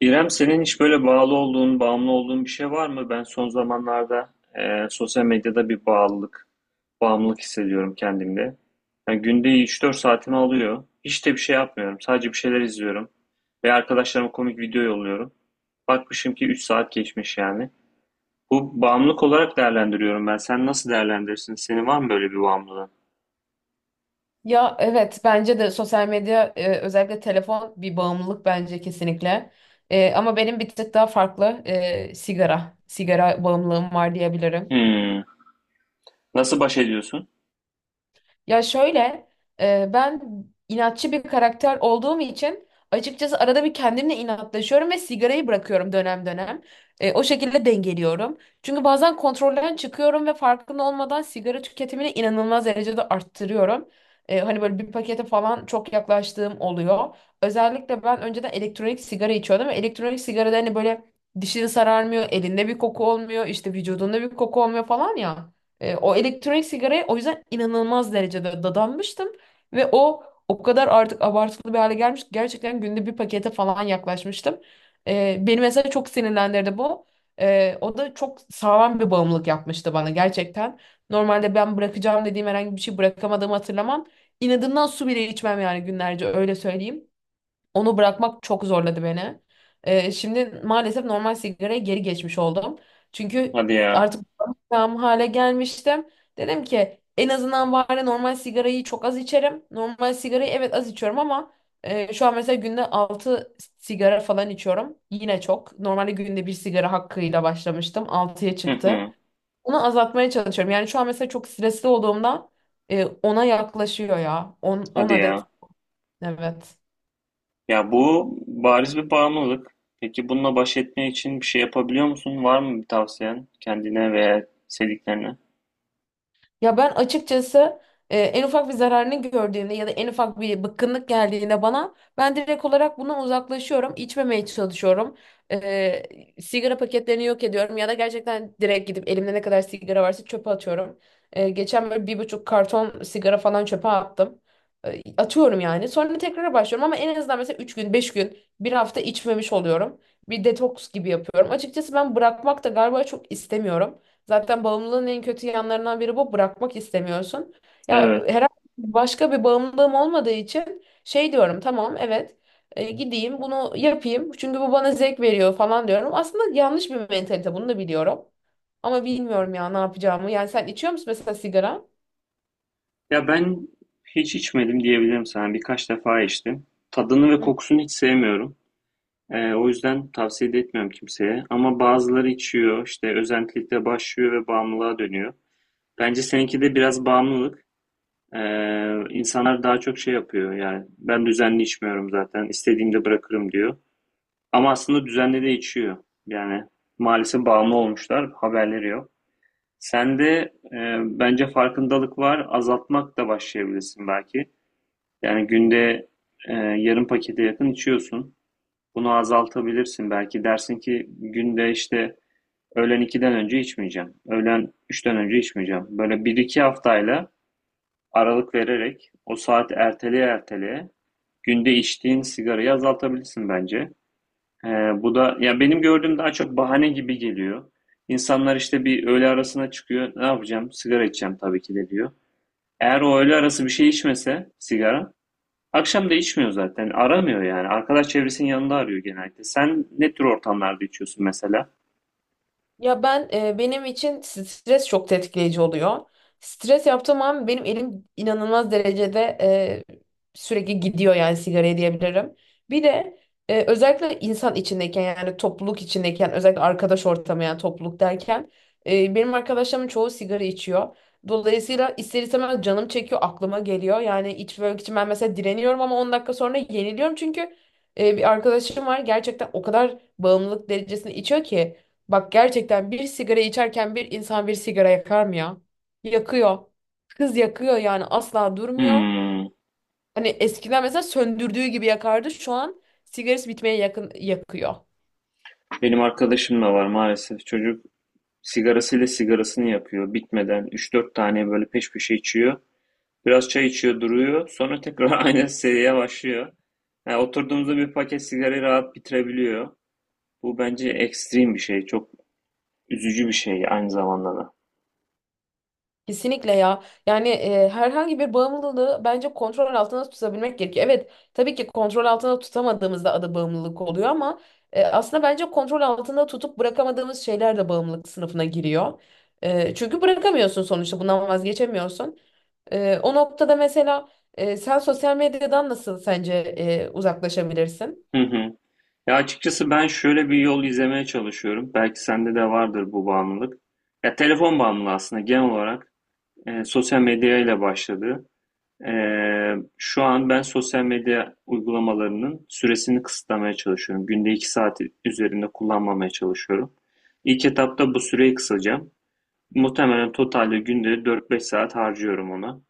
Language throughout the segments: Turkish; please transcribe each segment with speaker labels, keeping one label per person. Speaker 1: İrem, senin hiç böyle bağlı olduğun, bağımlı olduğun bir şey var mı? Ben son zamanlarda sosyal medyada bir bağlılık, bağımlılık hissediyorum kendimde. Yani günde 3-4 saatimi alıyor. Hiç de bir şey yapmıyorum. Sadece bir şeyler izliyorum. Ve arkadaşlarıma komik video yolluyorum. Bakmışım ki 3 saat geçmiş yani. Bu bağımlılık olarak değerlendiriyorum ben. Sen nasıl değerlendirirsin? Senin var mı böyle bir bağımlılığın?
Speaker 2: Ya evet bence de sosyal medya özellikle telefon bir bağımlılık bence kesinlikle. Ama benim bir tık daha farklı, sigara. Sigara bağımlılığım var diyebilirim.
Speaker 1: Hmm. Nasıl baş ediyorsun?
Speaker 2: Ya şöyle, ben inatçı bir karakter olduğum için açıkçası arada bir kendimle inatlaşıyorum ve sigarayı bırakıyorum dönem dönem. O şekilde dengeliyorum. Çünkü bazen kontrolden çıkıyorum ve farkında olmadan sigara tüketimini inanılmaz derecede arttırıyorum. Hani böyle bir pakete falan çok yaklaştığım oluyor. Özellikle ben önceden elektronik sigara içiyordum ve elektronik sigarada hani böyle dişini sararmıyor, elinde bir koku olmuyor, işte vücudunda bir koku olmuyor falan ya. O elektronik sigaraya o yüzden inanılmaz derecede dadanmıştım. Ve o kadar artık abartılı bir hale gelmiş ki gerçekten günde bir pakete falan yaklaşmıştım. Beni mesela çok sinirlendirdi bu. O da çok sağlam bir bağımlılık yapmıştı bana gerçekten. Normalde ben bırakacağım dediğim herhangi bir şey bırakamadığımı hatırlamam. İnadından su bile içmem yani günlerce öyle söyleyeyim. Onu bırakmak çok zorladı beni. Şimdi maalesef normal sigaraya geri geçmiş oldum. Çünkü
Speaker 1: Hadi ya.
Speaker 2: artık tam hale gelmiştim. Dedim ki en azından bari normal sigarayı çok az içerim. Normal sigarayı evet az içiyorum ama şu an mesela günde 6 sigara falan içiyorum. Yine çok. Normalde günde bir sigara hakkıyla başlamıştım. Altıya
Speaker 1: Hı
Speaker 2: çıktı.
Speaker 1: hı.
Speaker 2: Onu azaltmaya çalışıyorum. Yani şu an mesela çok stresli olduğumda 10'a yaklaşıyor ya. 10 10
Speaker 1: Hadi
Speaker 2: adet,
Speaker 1: ya.
Speaker 2: evet.
Speaker 1: Ya bu bariz bir bağımlılık. Peki bununla baş etmek için bir şey yapabiliyor musun? Var mı bir tavsiyen kendine veya sevdiklerine?
Speaker 2: Ya ben açıkçası en ufak bir zararını gördüğümde ya da en ufak bir bıkkınlık geldiğinde bana ben direkt olarak bundan uzaklaşıyorum, içmemeye çalışıyorum. E, Sigara paketlerini yok ediyorum ya da gerçekten direkt gidip elimde ne kadar sigara varsa çöpe atıyorum. Geçen böyle bir buçuk karton sigara falan çöpe attım. Atıyorum yani. Sonra tekrar başlıyorum ama en azından mesela 3 gün, 5 gün, bir hafta içmemiş oluyorum. Bir detoks gibi yapıyorum. Açıkçası ben bırakmak da galiba çok istemiyorum. Zaten bağımlılığın en kötü yanlarından biri bu. Bırakmak istemiyorsun. Ya
Speaker 1: Evet.
Speaker 2: herhangi başka bir bağımlılığım olmadığı için şey diyorum, tamam evet, gideyim bunu yapayım. Çünkü bu bana zevk veriyor falan diyorum. Aslında yanlış bir mentalite, bunu da biliyorum. Ama bilmiyorum ya ne yapacağımı. Yani sen içiyor musun mesela sigara?
Speaker 1: Ya ben hiç içmedim diyebilirim sana. Birkaç defa içtim. Tadını ve
Speaker 2: Hı.
Speaker 1: kokusunu hiç sevmiyorum. O yüzden tavsiye de etmiyorum kimseye. Ama bazıları içiyor, işte özentilikle başlıyor ve bağımlılığa dönüyor. Bence seninki de biraz bağımlılık. İnsanlar daha çok şey yapıyor. Yani ben düzenli içmiyorum zaten. İstediğimde bırakırım diyor. Ama aslında düzenli de içiyor. Yani maalesef bağımlı olmuşlar. Haberleri yok. Sende bence farkındalık var. Azaltmak da başlayabilirsin belki. Yani günde yarım pakete yakın içiyorsun. Bunu azaltabilirsin belki. Dersin ki günde işte öğlen iki'den önce içmeyeceğim. Öğlen üç'ten önce içmeyeceğim. Böyle bir iki haftayla aralık vererek o saat erteleye erteleye günde içtiğin sigarayı azaltabilirsin bence. Ee, Bu da ya benim gördüğüm daha çok bahane gibi geliyor. İnsanlar işte bir öğle arasına çıkıyor. Ne yapacağım? Sigara içeceğim tabii ki de diyor. Eğer o öğle arası bir şey içmese sigara, akşam da içmiyor zaten. Aramıyor yani. Arkadaş çevresinin yanında arıyor genellikle. Sen ne tür ortamlarda içiyorsun mesela?
Speaker 2: Ya ben benim için stres çok tetikleyici oluyor. Stres yaptığım an benim elim inanılmaz derecede sürekli gidiyor yani sigaraya diyebilirim. Bir de özellikle insan içindeyken yani topluluk içindeyken, özellikle arkadaş ortamı yani topluluk derken benim arkadaşlarımın çoğu sigara içiyor. Dolayısıyla ister istemez canım çekiyor, aklıma geliyor. Yani içmek için ben mesela direniyorum ama 10 dakika sonra yeniliyorum çünkü bir arkadaşım var gerçekten o kadar bağımlılık derecesinde içiyor ki. Bak gerçekten bir sigara içerken bir insan bir sigara yakar mı ya? Yakıyor. Kız yakıyor yani, asla durmuyor.
Speaker 1: Hmm.
Speaker 2: Hani eskiden mesela söndürdüğü gibi yakardı. Şu an sigarası bitmeye yakın yakıyor.
Speaker 1: Benim arkadaşım da var maalesef. Çocuk sigarasıyla sigarasını yapıyor. Bitmeden 3 4 tane böyle peş peşe içiyor. Biraz çay içiyor, duruyor. Sonra tekrar aynı seriye başlıyor. Yani oturduğumuzda bir paket sigarayı rahat bitirebiliyor. Bu bence ekstrem bir şey. Çok üzücü bir şey aynı zamanda da.
Speaker 2: Kesinlikle ya. Yani herhangi bir bağımlılığı bence kontrol altında tutabilmek gerekiyor. Evet, tabii ki kontrol altında tutamadığımızda adı bağımlılık oluyor ama aslında bence kontrol altında tutup bırakamadığımız şeyler de bağımlılık sınıfına giriyor. Çünkü bırakamıyorsun sonuçta, bundan vazgeçemiyorsun. O noktada mesela sen sosyal medyadan nasıl sence uzaklaşabilirsin?
Speaker 1: Hı hı. Ya açıkçası ben şöyle bir yol izlemeye çalışıyorum. Belki sende de vardır bu bağımlılık. Ya telefon bağımlılığı aslında genel olarak sosyal medyayla başladı. Şu an ben sosyal medya uygulamalarının süresini kısıtlamaya çalışıyorum. Günde 2 saat üzerinde kullanmamaya çalışıyorum. İlk etapta bu süreyi kısacağım. Muhtemelen totalde günde 4 5 saat harcıyorum ona.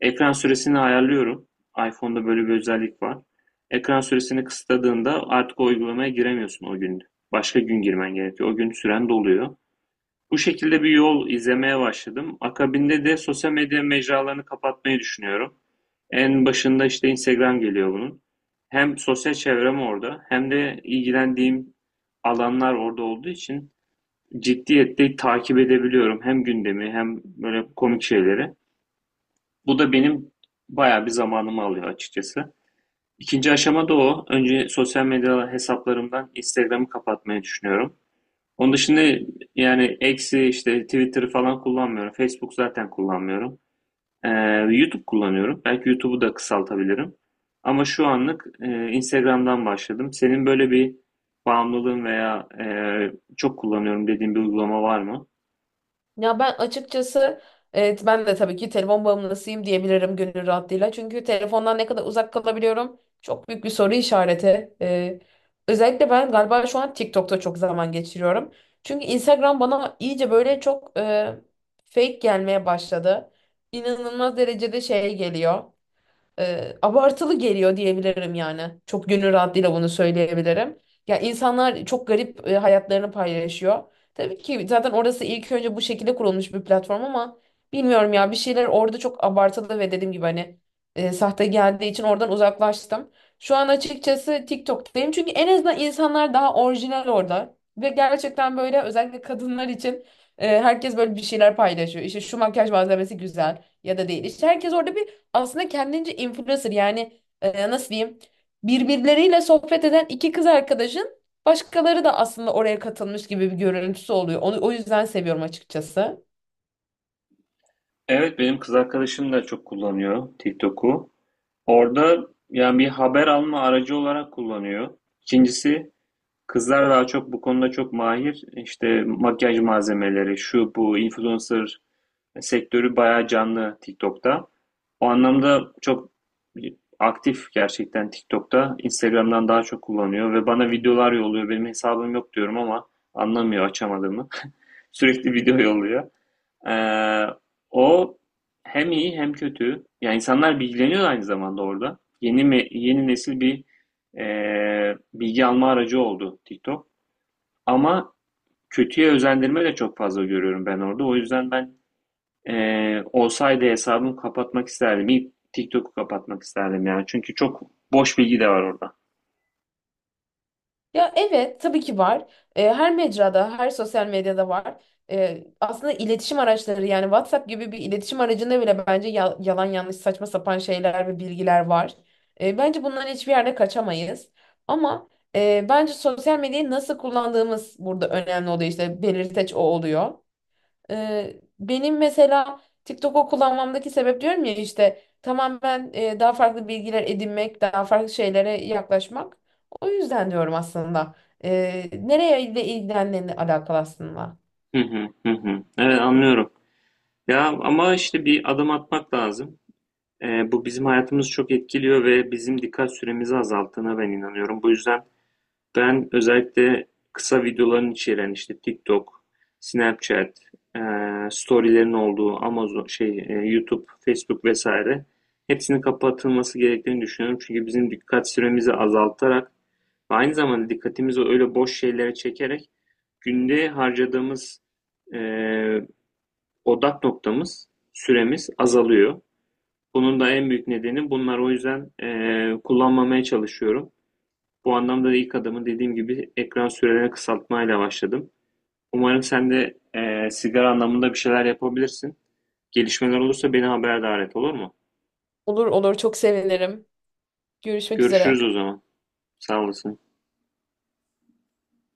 Speaker 1: Ekran süresini ayarlıyorum. iPhone'da böyle bir özellik var. Ekran süresini kısıtladığında artık o uygulamaya giremiyorsun o gün. Başka gün girmen gerekiyor. O gün süren doluyor. Bu şekilde bir yol izlemeye başladım. Akabinde de sosyal medya mecralarını kapatmayı düşünüyorum. En başında işte Instagram geliyor bunun. Hem sosyal çevrem orada hem de ilgilendiğim alanlar orada olduğu için ciddiyetle takip edebiliyorum. Hem gündemi hem böyle komik şeyleri. Bu da benim bayağı bir zamanımı alıyor açıkçası. İkinci aşama da o. Önce sosyal medya hesaplarımdan Instagram'ı kapatmayı düşünüyorum. Onun dışında yani eksi işte Twitter'ı falan kullanmıyorum. Facebook zaten kullanmıyorum. Ee, YouTube kullanıyorum. Belki YouTube'u da kısaltabilirim. Ama şu anlık Instagram'dan başladım. Senin böyle bir bağımlılığın veya çok kullanıyorum dediğin bir uygulama var mı?
Speaker 2: Ya ben açıkçası evet, ben de tabii ki telefon bağımlısıyım diyebilirim gönül rahatlığıyla. Çünkü telefondan ne kadar uzak kalabiliyorum çok büyük bir soru işareti. Özellikle ben galiba şu an TikTok'ta çok zaman geçiriyorum. Çünkü Instagram bana iyice böyle çok fake gelmeye başladı. İnanılmaz derecede şey geliyor, abartılı geliyor diyebilirim yani. Çok gönül rahatlığıyla bunu söyleyebilirim. Ya insanlar çok garip hayatlarını paylaşıyor. Tabii ki zaten orası ilk önce bu şekilde kurulmuş bir platform ama bilmiyorum ya, bir şeyler orada çok abartılı ve dediğim gibi hani sahte geldiği için oradan uzaklaştım. Şu an açıkçası TikTok'tayım çünkü en azından insanlar daha orijinal orada. Ve gerçekten böyle özellikle kadınlar için herkes böyle bir şeyler paylaşıyor. İşte şu makyaj malzemesi güzel ya da değil. İşte herkes orada bir, aslında kendince influencer yani, nasıl diyeyim, birbirleriyle sohbet eden iki kız arkadaşın başkaları da aslında oraya katılmış gibi bir görüntüsü oluyor. Onu, o yüzden seviyorum açıkçası.
Speaker 1: Evet, benim kız arkadaşım da çok kullanıyor TikTok'u. Orada yani bir haber alma aracı olarak kullanıyor. İkincisi kızlar daha çok bu konuda çok mahir. İşte makyaj malzemeleri, şu bu influencer sektörü bayağı canlı TikTok'ta. O anlamda çok aktif gerçekten TikTok'ta. Instagram'dan daha çok kullanıyor ve bana videolar yolluyor. Benim hesabım yok diyorum ama anlamıyor açamadığımı. Sürekli video yolluyor. Ee, O hem iyi hem kötü. Yani insanlar bilgileniyor aynı zamanda orada. Yeni nesil bir bilgi alma aracı oldu TikTok. Ama kötüye özendirme de çok fazla görüyorum ben orada. O yüzden ben olsaydı hesabımı kapatmak isterdim. İlk TikTok'u kapatmak isterdim yani. Çünkü çok boş bilgi de var orada.
Speaker 2: Ya evet, tabii ki var. Her mecrada, her sosyal medyada var. Aslında iletişim araçları yani WhatsApp gibi bir iletişim aracında bile bence yalan yanlış saçma sapan şeyler ve bilgiler var. Bence bundan hiçbir yerde kaçamayız. Ama bence sosyal medyayı nasıl kullandığımız burada önemli oluyor, işte belirteç o oluyor. Benim mesela TikTok'u kullanmamdaki sebep diyorum ya, işte tamam ben daha farklı bilgiler edinmek, daha farklı şeylere yaklaşmak. O yüzden diyorum aslında. Nereye ile ilgilendiğini alakalı aslında.
Speaker 1: Hı hı hı hı. Evet, anlıyorum. Ya ama işte bir adım atmak lazım. Bu bizim hayatımızı çok etkiliyor ve bizim dikkat süremizi azalttığına ben inanıyorum. Bu yüzden ben özellikle kısa videoların içeren işte TikTok, Snapchat, storylerin olduğu Amazon, şey, YouTube, Facebook vesaire hepsinin kapatılması gerektiğini düşünüyorum. Çünkü bizim dikkat süremizi azaltarak ve aynı zamanda dikkatimizi öyle boş şeylere çekerek günde harcadığımız eee, odak noktamız, süremiz azalıyor. Bunun da en büyük nedeni bunlar o yüzden kullanmamaya çalışıyorum. Bu anlamda da ilk adımı dediğim gibi ekran sürelerini kısaltmayla başladım. Umarım sen de sigara anlamında bir şeyler yapabilirsin. Gelişmeler olursa beni haberdar et, olur mu?
Speaker 2: Olur olur, çok sevinirim. Görüşmek üzere.
Speaker 1: Görüşürüz o zaman. Sağ olasın.